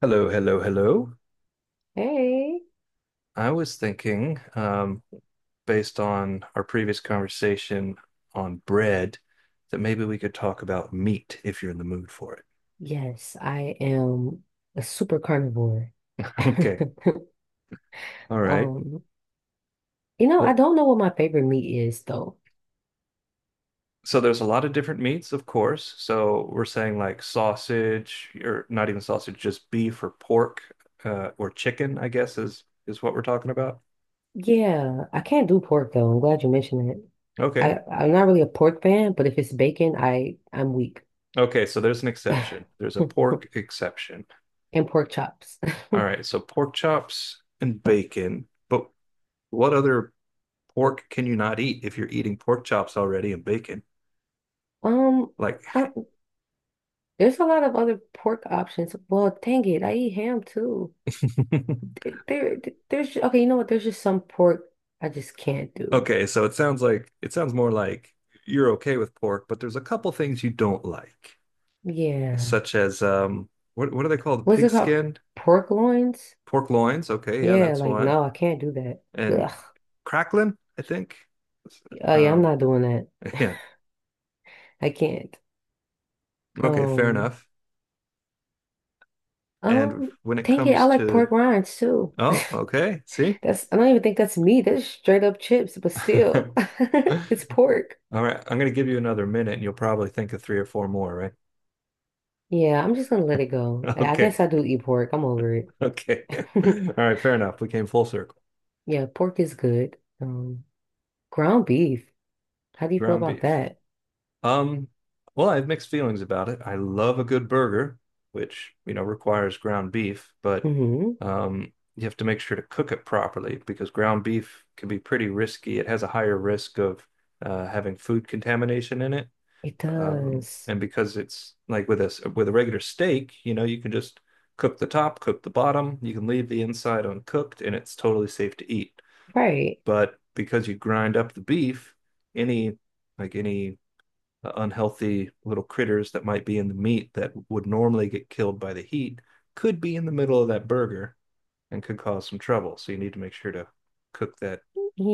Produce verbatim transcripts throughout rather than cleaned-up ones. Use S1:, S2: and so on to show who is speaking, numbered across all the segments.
S1: Hello, hello, hello.
S2: Hey.
S1: I was thinking, um, based on our previous conversation on bread, that maybe we could talk about meat if you're in the mood for it.
S2: Yes, I am a super carnivore.
S1: Okay. All right.
S2: Um, you know, I
S1: Well,
S2: don't know what my favorite meat is though.
S1: so there's a lot of different meats, of course. So we're saying like sausage, or not even sausage, just beef or pork, uh, or chicken, I guess is is what we're talking about.
S2: Yeah, I can't do pork though. I'm glad you mentioned it.
S1: Okay.
S2: I I'm not really a pork fan, but if it's bacon, I I'm weak.
S1: Okay, so there's an exception. There's a
S2: And
S1: pork exception.
S2: pork chops.
S1: All right, so pork chops and bacon, but what other pork can you not eat if you're eating pork chops already and bacon?
S2: Um,
S1: Like,
S2: I, there's a lot of other pork options. Well, dang it, I eat ham too. There, there- there's okay. You know what? There's just some pork I just can't do.
S1: okay, so it sounds like it sounds more like you're okay with pork, but there's a couple things you don't like,
S2: Yeah.
S1: such as um, what what do they called?
S2: What's
S1: Pig
S2: it called?
S1: skin,
S2: Pork loins?
S1: pork loins. Okay, yeah,
S2: Yeah,
S1: that's
S2: like
S1: one.
S2: no, I can't do that.
S1: And
S2: Ugh.
S1: crackling, I think.
S2: Oh yeah, I'm
S1: Um,
S2: not doing that.
S1: yeah,
S2: I can't.
S1: okay, fair
S2: Um,
S1: enough. And
S2: um,
S1: when it
S2: Dang it, I
S1: comes
S2: like
S1: to,
S2: pork rinds too.
S1: oh, okay, see.
S2: That's I don't even think that's meat. That's straight up chips, but still,
S1: All
S2: it's pork.
S1: right, I'm going to give you another minute and you'll probably think of three or four more, right?
S2: Yeah, I'm just gonna let it go. I
S1: Okay.
S2: guess I do eat pork. I'm over it.
S1: Okay. All right, fair enough. We came full circle.
S2: Yeah, pork is good. Um, ground beef. How do you feel
S1: Ground
S2: about
S1: beef.
S2: that?
S1: Um, well, I have mixed feelings about it. I love a good burger, which, you know, requires ground beef, but
S2: Mm-hmm.
S1: um, you have to make sure to cook it properly because ground beef can be pretty risky. It has a higher risk of uh, having food contamination in it.
S2: It
S1: Um,
S2: does.
S1: and because it's like with this with a regular steak, you know, you can just cook the top, cook the bottom, you can leave the inside uncooked, and it's totally safe to eat.
S2: Right.
S1: But because you grind up the beef, any like any uh, unhealthy little critters that might be in the meat that would normally get killed by the heat could be in the middle of that burger and could cause some trouble. So you need to make sure to cook that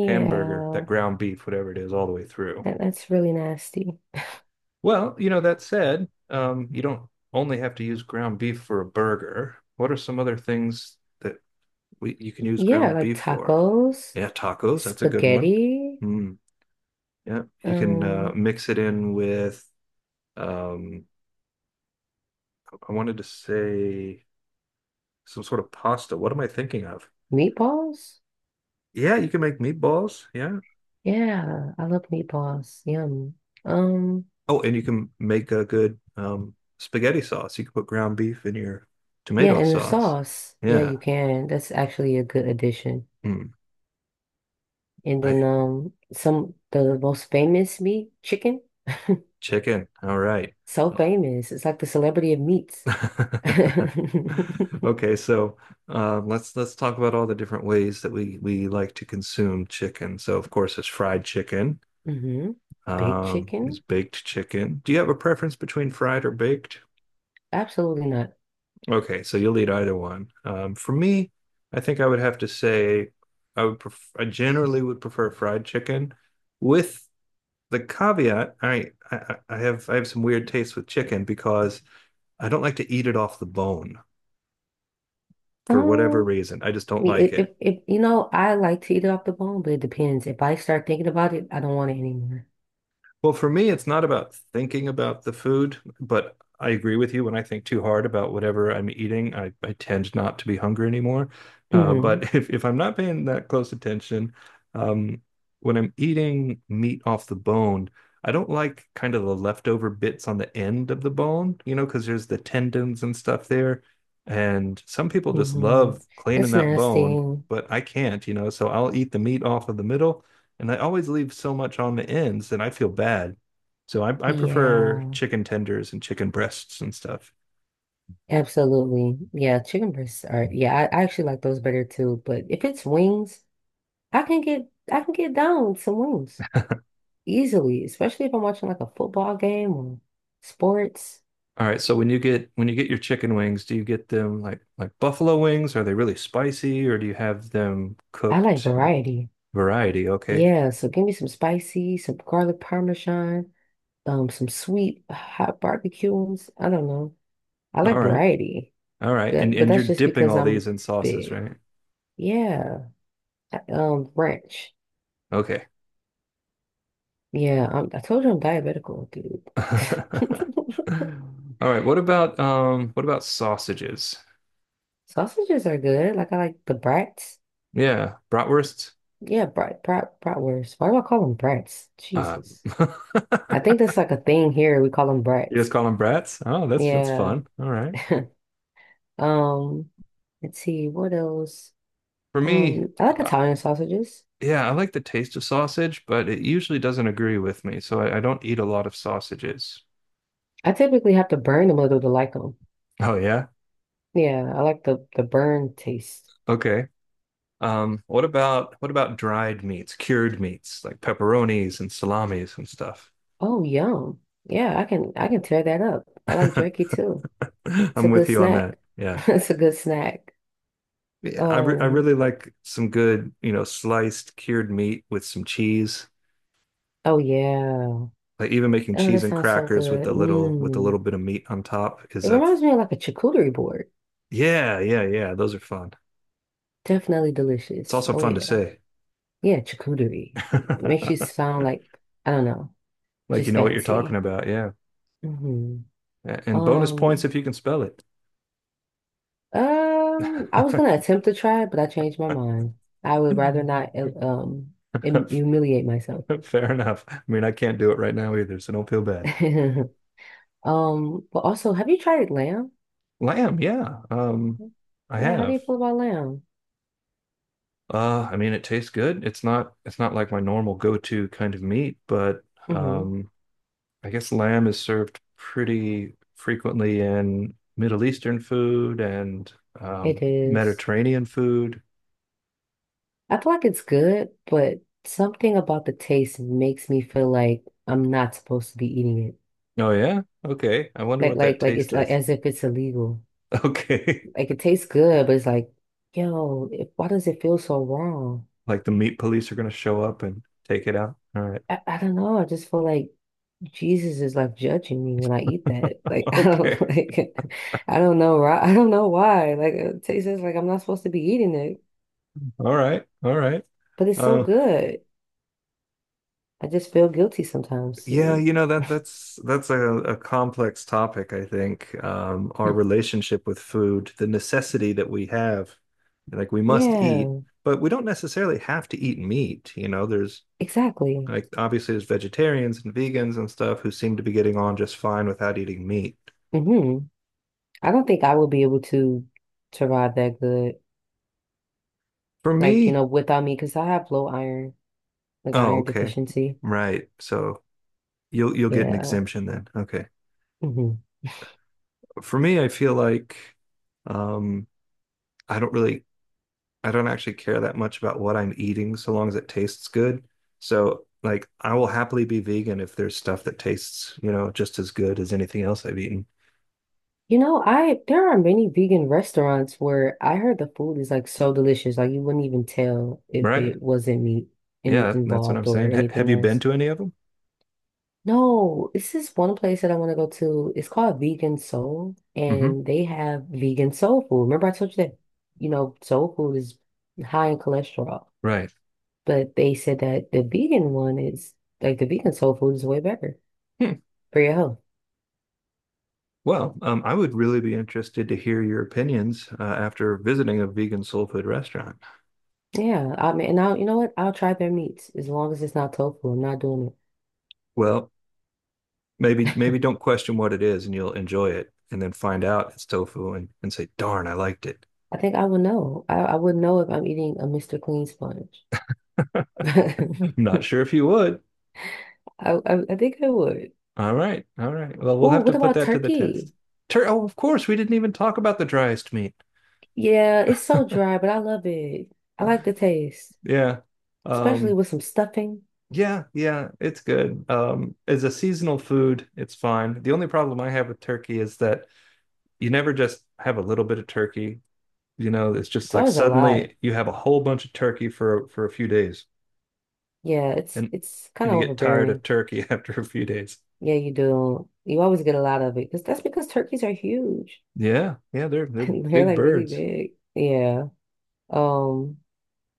S1: hamburger, that ground beef, whatever it is, all the way through.
S2: that, that's really nasty.
S1: Well, you know, that said, um, you don't only have to use ground beef for a burger. What are some other things that we you can use
S2: Yeah,
S1: ground
S2: like
S1: beef for?
S2: tacos,
S1: Yeah, tacos, that's a good one.
S2: spaghetti,
S1: Mm, yeah, you can uh,
S2: um,
S1: mix it in with um, I wanted to say some sort of pasta. What am I thinking of?
S2: meatballs.
S1: Yeah, you can make meatballs. Yeah.
S2: Yeah, I love meatballs. Yum. Um,
S1: Oh, and you can make a good um, spaghetti sauce. You can put ground beef in your
S2: yeah,
S1: tomato
S2: and the
S1: sauce.
S2: sauce. Yeah,
S1: Yeah.
S2: you can. That's actually a good addition.
S1: Mm.
S2: And
S1: I
S2: then um some the most famous meat, chicken.
S1: Chicken. All right.
S2: So
S1: Well-
S2: famous. It's like the celebrity of meats.
S1: Okay, so um, let's let's talk about all the different ways that we we like to consume chicken. So of course, it's fried chicken.
S2: hmm Baked
S1: Um, there's
S2: chicken?
S1: baked chicken. Do you have a preference between fried or baked?
S2: Absolutely not.
S1: Okay, so you'll eat either one. Um, for me, I think I would have to say I would pref I generally would prefer fried chicken, with the caveat I I, I have I have some weird taste with chicken because I don't like to eat it off the bone, for whatever
S2: Um
S1: reason. I just don't like
S2: If, if,
S1: it.
S2: if you know, I like to eat it off the bone, but it depends. If I start thinking about it, I don't want it anymore.
S1: Well, for me, it's not about thinking about the food, but I agree with you. When I think too hard about whatever I'm eating, I, I tend not to be hungry anymore. Uh,
S2: Hmm
S1: but if, if I'm not paying that close attention, um, when I'm eating meat off the bone, I don't like kind of the leftover bits on the end of the bone, you know, because there's the tendons and stuff there. And some people just
S2: hmm
S1: love cleaning
S2: That's
S1: that bone,
S2: nasty.
S1: but I can't, you know, so I'll eat the meat off of the middle, and I always leave so much on the ends and I feel bad. So I, I prefer
S2: Yeah,
S1: chicken tenders and chicken breasts and stuff.
S2: absolutely. Yeah, chicken breasts are. Yeah, I, I actually like those better too. But if it's wings, I can get I can get down with some wings easily, especially if I'm watching like a football game or sports.
S1: All right. So when you get when you get your chicken wings, do you get them like like buffalo wings? Are they really spicy or do you have them
S2: I like
S1: cooked
S2: variety.
S1: variety? Okay.
S2: Yeah, so give me some spicy, some garlic parmesan, um some sweet hot barbecues. I don't know. I
S1: All
S2: like
S1: right.
S2: variety.
S1: All right. And
S2: That, but
S1: and you're
S2: that's just
S1: dipping
S2: because
S1: all
S2: I'm
S1: these in sauces,
S2: big.
S1: right?
S2: Yeah. I- Um, ranch.
S1: Okay.
S2: Yeah, I'm, I told you I'm diabetical, dude.
S1: All right. What about um what about sausages?
S2: Sausages are good. Like I like the brats.
S1: Yeah, bratwursts.
S2: Yeah, brat, brat, bratwurst. Why do I call them brats?
S1: Uh,
S2: Jesus. I think that's like a thing here. We call them
S1: You just
S2: brats.
S1: call them brats? Oh, that's that's
S2: Yeah.
S1: fun. All right.
S2: Um, let's see, what else?
S1: For me,
S2: Um, I like
S1: uh,
S2: Italian sausages.
S1: yeah, I like the taste of sausage, but it usually doesn't agree with me, so I, I don't eat a lot of sausages.
S2: I typically have to burn them a little to like them.
S1: Oh yeah?
S2: Yeah, I like the the burn taste.
S1: Okay. Um, what about what about dried meats, cured meats, like pepperonis and salamis and stuff?
S2: Oh, yum. Yeah, I can I can tear that up. I like jerky too. It's a
S1: I'm
S2: good
S1: with you on that.
S2: snack.
S1: Yeah.
S2: It's a good snack.
S1: Yeah, I re I
S2: Um,
S1: really like some good, you know, sliced cured meat with some cheese.
S2: oh yeah.
S1: Like even making
S2: Oh,
S1: cheese
S2: that
S1: and
S2: sounds so
S1: crackers with
S2: good.
S1: a little with a little
S2: Mm.
S1: bit of meat on top is
S2: It
S1: a
S2: reminds me of like a charcuterie board.
S1: Yeah, yeah, yeah. Those are fun.
S2: Definitely
S1: It's
S2: delicious.
S1: also
S2: Oh
S1: fun to
S2: yeah.
S1: say.
S2: Yeah, charcuterie. It makes you sound like, I don't know,
S1: Like you
S2: just
S1: know what you're talking
S2: fancy.
S1: about. Yeah.
S2: Hmm
S1: A- And bonus points
S2: Um,
S1: if you can spell it.
S2: Um, I was gonna attempt to try it, but I changed my mind. I would rather not uh, um hum- humiliate myself.
S1: Fair enough. I mean, I can't do it right now either, so don't feel bad.
S2: Um, but also, have you tried lamb?
S1: Lamb, yeah. Um, I
S2: Yeah, how do you
S1: have.
S2: feel about lamb?
S1: Uh, I mean, it tastes good. It's not it's not like my normal go-to kind of meat, but
S2: Mm-hmm.
S1: um, I guess lamb is served pretty frequently in Middle Eastern food and
S2: It
S1: um,
S2: is.
S1: Mediterranean food.
S2: I feel like it's good, but something about the taste makes me feel like I'm not supposed to be eating it.
S1: Oh yeah? Okay. I wonder
S2: Like,
S1: what that
S2: like, like it's
S1: taste
S2: like
S1: is.
S2: as if it's illegal.
S1: Okay.
S2: Like it tastes good, but it's like, yo, it, why does it feel so wrong?
S1: Like the meat police are gonna show up and take it out. All right.
S2: I, I don't know. I just feel like Jesus is like judging me when I eat that. Like I don't
S1: Okay.
S2: like I don't know right. I don't know why. Like it tastes like I'm not supposed to be eating it,
S1: All right. All right.
S2: but it's so
S1: Uh,
S2: good. I just feel guilty sometimes.
S1: yeah,
S2: Mm,
S1: you know that that's that's a, a complex topic, I think. Um, our relationship with food, the necessity that we have, like we must eat,
S2: yeah,
S1: but we don't necessarily have to eat meat. You know, there's
S2: exactly.
S1: like obviously there's vegetarians and vegans and stuff who seem to be getting on just fine without eating meat.
S2: hmm I don't think I would be able to to ride that good.
S1: For
S2: Like, you
S1: me,
S2: know, without me, because I have low iron, like
S1: oh,
S2: iron
S1: okay.
S2: deficiency.
S1: Right. So you'll you'll get an
S2: Yeah.
S1: exemption then. Okay.
S2: hmm
S1: For me, I feel like um I don't really I don't actually care that much about what I'm eating so long as it tastes good. So like I will happily be vegan if there's stuff that tastes, you know, just as good as anything else I've eaten.
S2: You know, I there are many vegan restaurants where I heard the food is like so delicious, like you wouldn't even tell if
S1: Right.
S2: it wasn't meat in,
S1: Yeah, that's what I'm
S2: involved or
S1: saying. Ha have
S2: anything
S1: you been
S2: else.
S1: to any of them?
S2: No, this is one place that I want to go to. It's called Vegan Soul,
S1: Hmm
S2: and they have vegan soul food. Remember I told you that, you know, soul food is high in cholesterol,
S1: Right.
S2: but they said that the vegan one is like the vegan soul food is way better
S1: Hmm.
S2: for your health.
S1: Well, um, I would really be interested to hear your opinions uh, after visiting a vegan soul food restaurant.
S2: Yeah, I mean, and I'll, you know what? I'll try their meats as long as it's not tofu. I'm not doing it.
S1: Well, maybe maybe don't question what it is and you'll enjoy it and then find out it's tofu and, and say, darn, I liked it.
S2: I think I would know. I, I would know if I'm eating a mister Clean sponge.
S1: Not sure if you would.
S2: I, I I think I would.
S1: All right. All right. Well, we'll
S2: Oh,
S1: have to
S2: what
S1: put
S2: about
S1: that to the
S2: turkey?
S1: test. Tur- oh, of course, we didn't even talk about the driest meat.
S2: Yeah, it's so dry, but I love it. I like the taste,
S1: Yeah.
S2: especially
S1: Um,
S2: with some stuffing.
S1: yeah, yeah, it's good. Um, as a seasonal food, it's fine. The only problem I have with turkey is that you never just have a little bit of turkey. You know, it's just
S2: It's
S1: like
S2: always a lot.
S1: suddenly you have a whole bunch of turkey for for a few days,
S2: Yeah, it's
S1: and
S2: it's kind
S1: and
S2: of
S1: you get tired of
S2: overbearing.
S1: turkey after a few days.
S2: Yeah, you do. You always get a lot of it because that's because turkeys are huge.
S1: Yeah, yeah, they're they're
S2: They're
S1: big
S2: like really
S1: birds.
S2: big. Yeah. Um,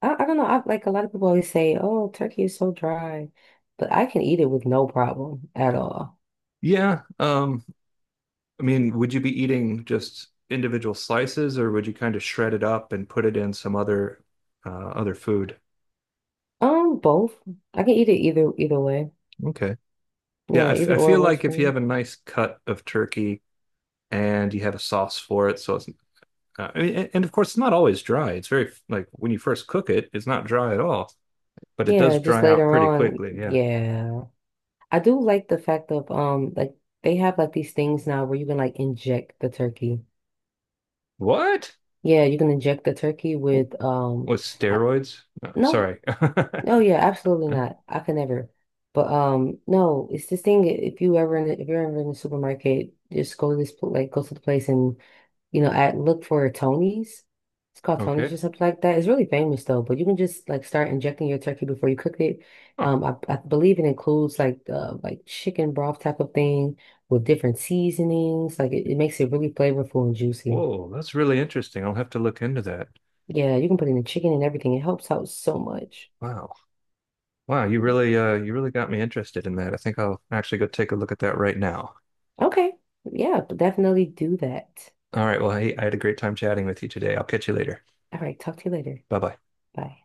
S2: I, I don't know. I like a lot of people always say, "Oh, turkey is so dry," but I can eat it with no problem at all.
S1: Yeah, um, I mean, would you be eating just individual slices, or would you kind of shred it up and put it in some other uh, other food?
S2: Um, both. I can eat it either either way.
S1: Okay. Yeah, I,
S2: Yeah,
S1: f
S2: either
S1: I
S2: or
S1: feel
S2: works
S1: like
S2: for
S1: if you
S2: me.
S1: have a nice cut of turkey and you have a sauce for it, so it's uh, I mean, a- and of course it's not always dry. It's very like when you first cook it, it's not dry at all, but it does
S2: Yeah, just
S1: dry out
S2: later
S1: pretty
S2: on.
S1: quickly. Yeah.
S2: Yeah, I do like the fact of um, like they have like these things now where you can like inject the turkey.
S1: What?
S2: Yeah, you can inject the turkey with um,
S1: With
S2: I,
S1: steroids? No,
S2: no.
S1: sorry.
S2: Oh yeah, absolutely not. I could never. But um, no, it's this thing. If you ever in the, if you're ever in the supermarket, just go to this pl- like go to the place and you know at look for Tony's. It's called Tony's
S1: Okay.
S2: or something like that. It's really famous though. But you can just like start injecting your turkey before you cook it.
S1: Huh.
S2: Um, I, I believe it includes like uh like chicken broth type of thing with different seasonings. Like it, it makes it really flavorful and juicy.
S1: Whoa, that's really interesting. I'll have to look into that.
S2: Yeah, you can put in the chicken and everything. It helps out so much.
S1: Wow. Wow, you really uh you really got me interested in that. I think I'll actually go take a look at that right now.
S2: Okay, yeah, definitely do that.
S1: All right, well, hey, I had a great time chatting with you today. I'll catch you later.
S2: All right, talk to you later.
S1: Bye-bye.
S2: Bye.